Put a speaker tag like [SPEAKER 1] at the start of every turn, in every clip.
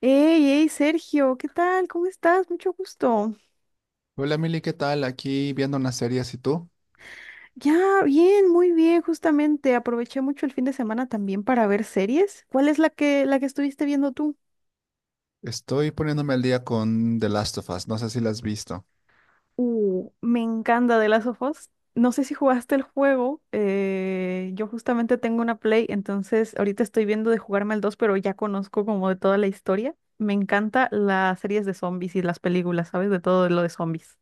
[SPEAKER 1] Hey, hey, Sergio, ¿qué tal? ¿Cómo estás? Mucho gusto.
[SPEAKER 2] Hola Mili, ¿qué tal? Aquí viendo una serie, ¿y tú?
[SPEAKER 1] Ya, bien, muy bien, justamente. Aproveché mucho el fin de semana también para ver series. ¿Cuál es la que estuviste viendo tú?
[SPEAKER 2] Estoy poniéndome al día con The Last of Us, no sé si la has visto.
[SPEAKER 1] Me encanta de las of Us. No sé si jugaste el juego. Yo justamente tengo una Play, entonces ahorita estoy viendo de jugarme al 2, pero ya conozco como de toda la historia. Me encanta las series de zombies y las películas, ¿sabes? De todo lo de zombies.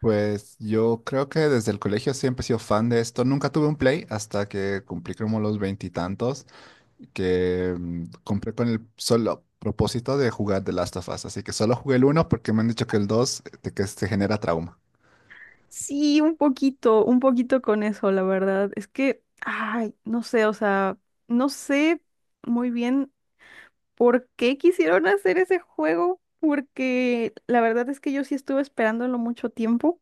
[SPEAKER 2] Pues yo creo que desde el colegio siempre he sido fan de esto. Nunca tuve un Play hasta que cumplí como los veintitantos, que compré con el solo propósito de jugar The Last of Us, así que solo jugué el uno porque me han dicho que que te genera trauma.
[SPEAKER 1] Sí, un poquito con eso, la verdad. Es que, ay, no sé, o sea, no sé muy bien por qué quisieron hacer ese juego, porque la verdad es que yo sí estuve esperándolo mucho tiempo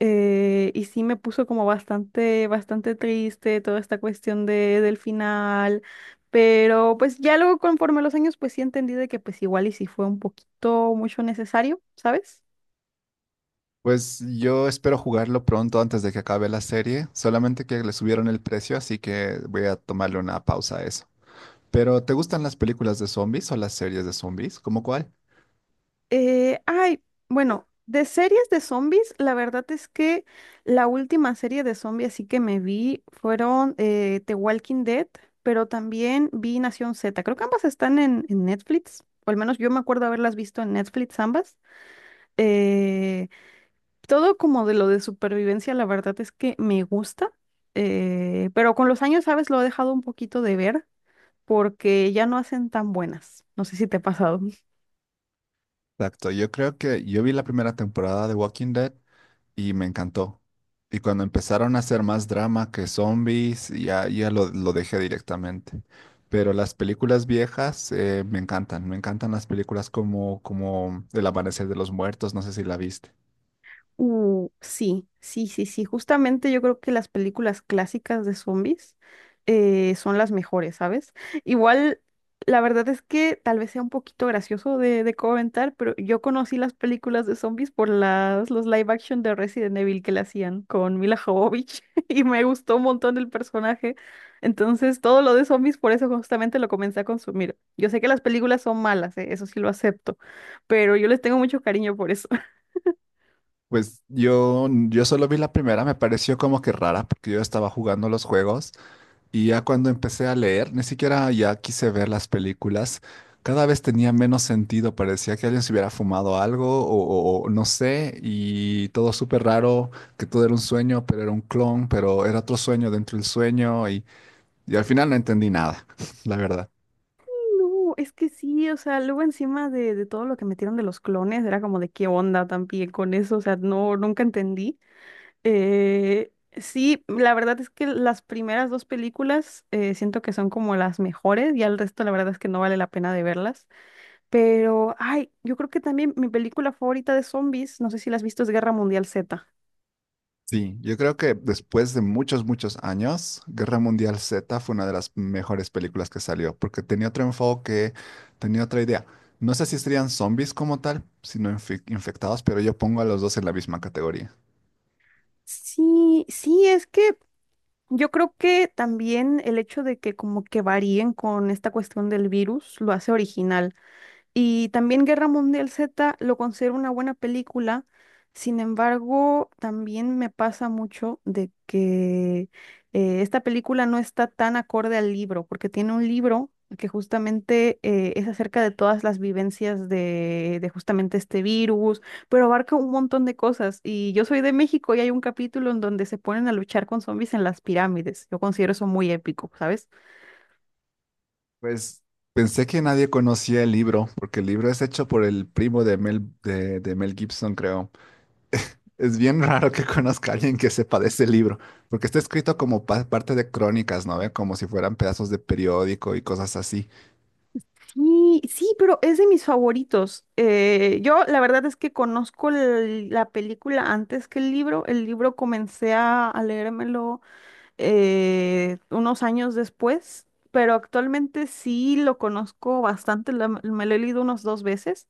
[SPEAKER 1] y sí me puso como bastante, bastante triste toda esta cuestión del final, pero pues ya luego conforme los años, pues sí entendí de que pues igual y sí fue un poquito mucho necesario, ¿sabes?
[SPEAKER 2] Pues yo espero jugarlo pronto antes de que acabe la serie, solamente que le subieron el precio, así que voy a tomarle una pausa a eso. Pero ¿te gustan las películas de zombies o las series de zombies? ¿Cómo cuál?
[SPEAKER 1] Ay, bueno, de series de zombies, la verdad es que la última serie de zombies así que me vi fueron The Walking Dead, pero también vi Nación Z. Creo que ambas están en Netflix, o al menos yo me acuerdo haberlas visto en Netflix ambas. Eh, Todo como de lo de supervivencia, la verdad es que me gusta, pero con los años, ¿sabes? Lo he dejado un poquito de ver porque ya no hacen tan buenas. No sé si te ha pasado.
[SPEAKER 2] Exacto, yo creo que yo vi la primera temporada de Walking Dead y me encantó. Y cuando empezaron a hacer más drama que zombies, ya, ya lo dejé directamente. Pero las películas viejas me encantan las películas como, como El Amanecer de los Muertos, no sé si la viste.
[SPEAKER 1] Sí, sí, sí, sí. Justamente yo creo que las películas clásicas de zombies son las mejores, ¿sabes? Igual, la verdad es que tal vez sea un poquito gracioso de comentar, pero yo conocí las películas de zombies por las, los live action de Resident Evil que le hacían con Mila Jovovich y me gustó un montón el personaje. Entonces, todo lo de zombies, por eso justamente lo comencé a consumir. Yo sé que las películas son malas, ¿eh? Eso sí lo acepto, pero yo les tengo mucho cariño por eso.
[SPEAKER 2] Pues yo solo vi la primera, me pareció como que rara, porque yo estaba jugando los juegos. Y ya cuando empecé a leer, ni siquiera ya quise ver las películas. Cada vez tenía menos sentido, parecía que alguien se hubiera fumado algo o no sé, y todo súper raro, que todo era un sueño, pero era un clon, pero era otro sueño dentro del sueño, y al final no entendí nada, la verdad.
[SPEAKER 1] No, es que sí, o sea, luego encima de todo lo que metieron de los clones, era como de qué onda también con eso, o sea, no, nunca entendí. Sí, la verdad es que las primeras dos películas siento que son como las mejores, y al resto la verdad es que no vale la pena de verlas. Pero, ay, yo creo que también mi película favorita de zombies, no sé si la has visto, es Guerra Mundial Z.
[SPEAKER 2] Sí, yo creo que después de muchos, muchos años, Guerra Mundial Z fue una de las mejores películas que salió, porque tenía otro enfoque, tenía otra idea. No sé si serían zombies como tal, sino infectados, pero yo pongo a los dos en la misma categoría.
[SPEAKER 1] Sí, sí, es que yo creo que también el hecho de que como que varíen con esta cuestión del virus lo hace original. Y también Guerra Mundial Z lo considero una buena película. Sin embargo, también me pasa mucho de que esta película no está tan acorde al libro, porque tiene un libro que justamente es acerca de todas las vivencias de justamente este virus, pero abarca un montón de cosas. Y yo soy de México y hay un capítulo en donde se ponen a luchar con zombies en las pirámides. Yo considero eso muy épico, ¿sabes?
[SPEAKER 2] Pues pensé que nadie conocía el libro, porque el libro es hecho por el primo de de Mel Gibson, creo. Es bien raro que conozca a alguien que sepa de ese libro, porque está escrito como parte de crónicas, ¿no ve? Como si fueran pedazos de periódico y cosas así.
[SPEAKER 1] Y sí, pero es de mis favoritos. Yo la verdad es que conozco la película antes que el libro. El libro comencé a leérmelo unos años después, pero actualmente sí lo conozco bastante. Me lo he leído unos dos veces.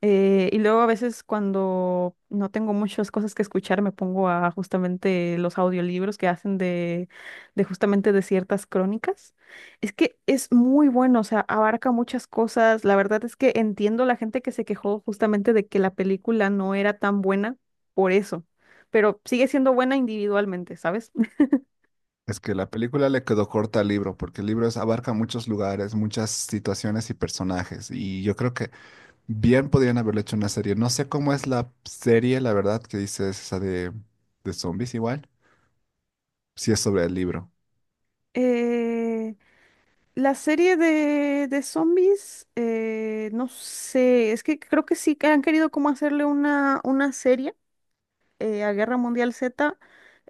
[SPEAKER 1] Y luego a veces cuando no tengo muchas cosas que escuchar, me pongo a justamente los audiolibros que hacen de justamente de ciertas crónicas. Es que es muy bueno, o sea, abarca muchas cosas. La verdad es que entiendo la gente que se quejó justamente de que la película no era tan buena por eso, pero sigue siendo buena individualmente, ¿sabes?
[SPEAKER 2] Es que la película le quedó corta al libro, porque el abarca muchos lugares, muchas situaciones y personajes, y yo creo que bien podrían haberlo hecho una serie. No sé cómo es la serie, la verdad, que dices esa de zombies igual, si es sobre el libro.
[SPEAKER 1] Eh, La serie de zombies, no sé, es que creo que sí que han querido como hacerle una serie a Guerra Mundial Z,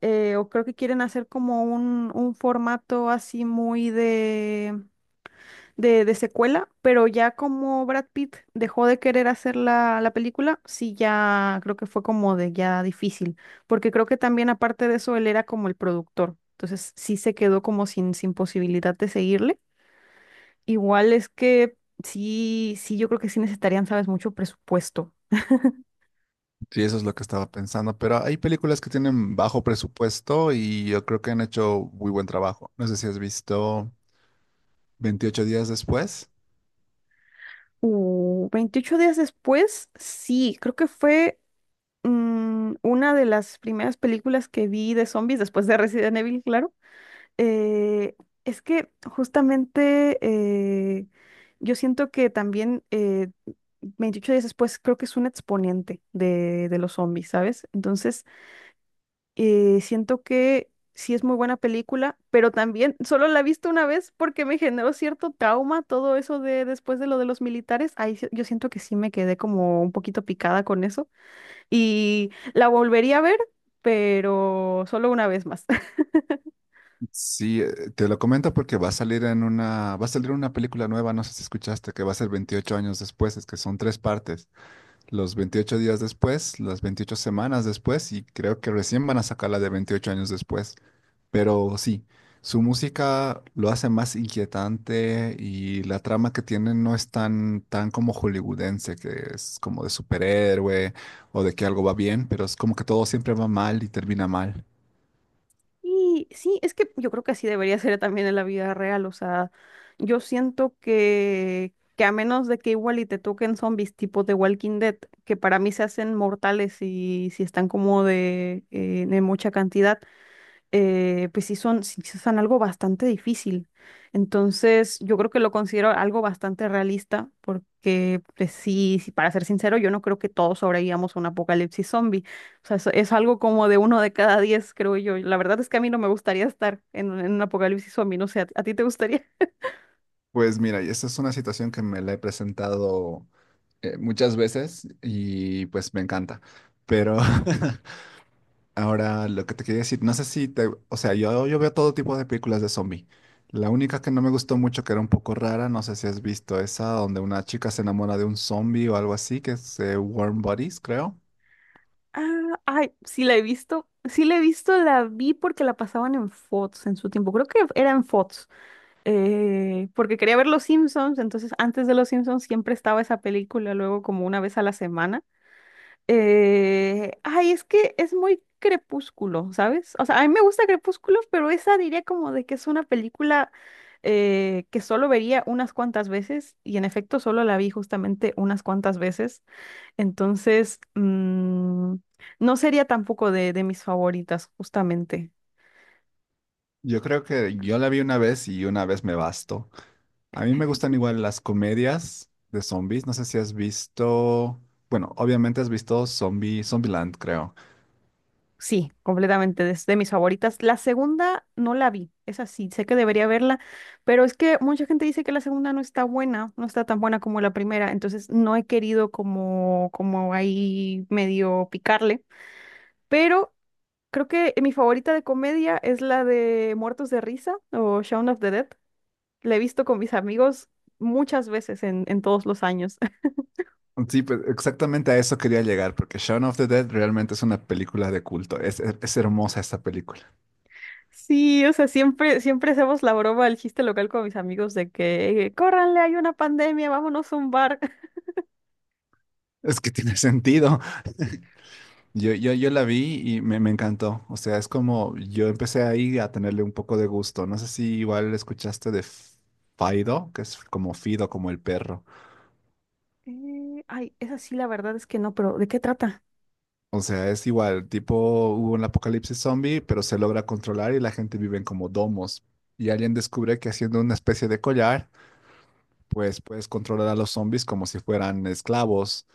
[SPEAKER 1] o creo que quieren hacer como un formato así muy de secuela, pero ya como Brad Pitt dejó de querer hacer la película, sí ya creo que fue como de ya difícil, porque creo que también aparte de eso él era como el productor, entonces sí se quedó como sin posibilidad de seguirle. Igual es que sí, sí, yo creo que sí necesitarían, sabes, mucho presupuesto.
[SPEAKER 2] Sí, eso es lo que estaba pensando, pero hay películas que tienen bajo presupuesto y yo creo que han hecho muy buen trabajo. No sé si has visto Veintiocho días después.
[SPEAKER 1] 28 días después, sí, creo que fue una de las primeras películas que vi de zombies después de Resident Evil, claro. Eh, es que justamente yo siento que también 28 días después creo que es un exponente de los zombies, ¿sabes? Entonces, siento que sí es muy buena película, pero también solo la he visto una vez porque me generó cierto trauma todo eso de después de lo de los militares. Ahí yo siento que sí me quedé como un poquito picada con eso y la volvería a ver, pero solo una vez más.
[SPEAKER 2] Sí, te lo comento porque va a salir en una, va a salir una película nueva, no sé si escuchaste, que va a ser 28 años después, es que son tres partes, los 28 días después, las 28 semanas después y creo que recién van a sacar la de 28 años después. Pero sí, su música lo hace más inquietante y la trama que tiene no es tan, tan como hollywoodense, que es como de superhéroe o de que algo va bien, pero es como que todo siempre va mal y termina mal.
[SPEAKER 1] Y sí, es que yo creo que así debería ser también en la vida real. O sea, yo siento que a menos de que igual y te toquen zombies tipo de Walking Dead, que para mí se hacen mortales y si están como de mucha cantidad, pues sí son algo bastante difícil. Entonces, yo creo que lo considero algo bastante realista, porque pues sí, sí, para ser sincero, yo no creo que todos sobrevivamos a un apocalipsis zombie. O sea, eso es algo como de 1 de cada 10, creo yo. La verdad es que a mí no me gustaría estar en un apocalipsis zombie, no sé, ¿a ti te gustaría?
[SPEAKER 2] Pues mira, y esta es una situación que me la he presentado muchas veces y pues me encanta. Pero ahora lo que te quería decir, no sé si te, o sea, yo veo todo tipo de películas de zombie. La única que no me gustó mucho, que era un poco rara, no sé si has visto esa, donde una chica se enamora de un zombie o algo así, que es Warm Bodies, creo.
[SPEAKER 1] Ah, ay, sí la he visto, sí la he visto, la vi porque la pasaban en Fox en su tiempo, creo que era en Fox. Porque quería ver Los Simpsons, entonces antes de Los Simpsons siempre estaba esa película, luego como una vez a la semana. Ay, es que es muy crepúsculo, ¿sabes? O sea, a mí me gusta Crepúsculo, pero esa diría como de que es una película que solo vería unas cuantas veces y en efecto solo la vi justamente unas cuantas veces, entonces mm, no sería tampoco de mis favoritas, justamente.
[SPEAKER 2] Yo creo que yo la vi una vez y una vez me bastó. A mí me gustan igual las comedias de zombies. No sé si has visto. Bueno, obviamente has visto Zombieland, creo.
[SPEAKER 1] Sí, completamente, es de mis favoritas. La segunda no la vi, es así, sé que debería verla, pero es que mucha gente dice que la segunda no está buena, no está tan buena como la primera, entonces no he querido como ahí medio picarle, pero creo que mi favorita de comedia es la de Muertos de Risa o Shaun of the Dead. La he visto con mis amigos muchas veces en todos los años.
[SPEAKER 2] Sí, pues exactamente a eso quería llegar, porque Shaun of the Dead realmente es una película de culto. Es hermosa esta película.
[SPEAKER 1] Sí, o sea, siempre, siempre hacemos la broma, el chiste local con mis amigos de que, córranle, hay una pandemia, vámonos a un bar.
[SPEAKER 2] Es que tiene sentido. Yo la vi y me encantó. O sea, es como yo empecé ahí a tenerle un poco de gusto. No sé si igual escuchaste de Fido, que es como Fido, como el perro.
[SPEAKER 1] Ay, esa sí, la verdad es que no, pero ¿de qué trata?
[SPEAKER 2] O sea, es igual, tipo hubo un apocalipsis zombie, pero se logra controlar y la gente vive en como domos. Y alguien descubre que haciendo una especie de collar, pues puedes controlar a los zombies como si fueran esclavos.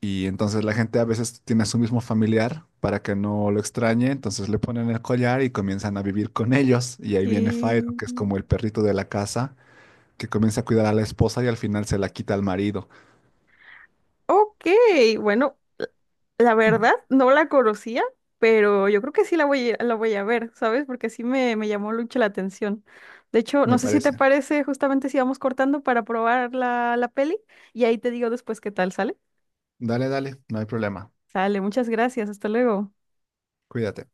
[SPEAKER 2] Y entonces la gente a veces tiene a su mismo familiar para que no lo extrañe, entonces le ponen el collar y comienzan a vivir con ellos. Y ahí viene Fyro,
[SPEAKER 1] Eh,
[SPEAKER 2] que es como el perrito de la casa, que comienza a cuidar a la esposa y al final se la quita al marido,
[SPEAKER 1] ok, bueno, la verdad no la conocía, pero yo creo que sí la voy a ver, ¿sabes? Porque sí me llamó mucho la atención. De hecho, no
[SPEAKER 2] me
[SPEAKER 1] sé si te
[SPEAKER 2] parece.
[SPEAKER 1] parece justamente si vamos cortando para probar la peli y ahí te digo después qué tal sale.
[SPEAKER 2] Dale, dale, no hay problema.
[SPEAKER 1] Sale, muchas gracias, hasta luego.
[SPEAKER 2] Cuídate.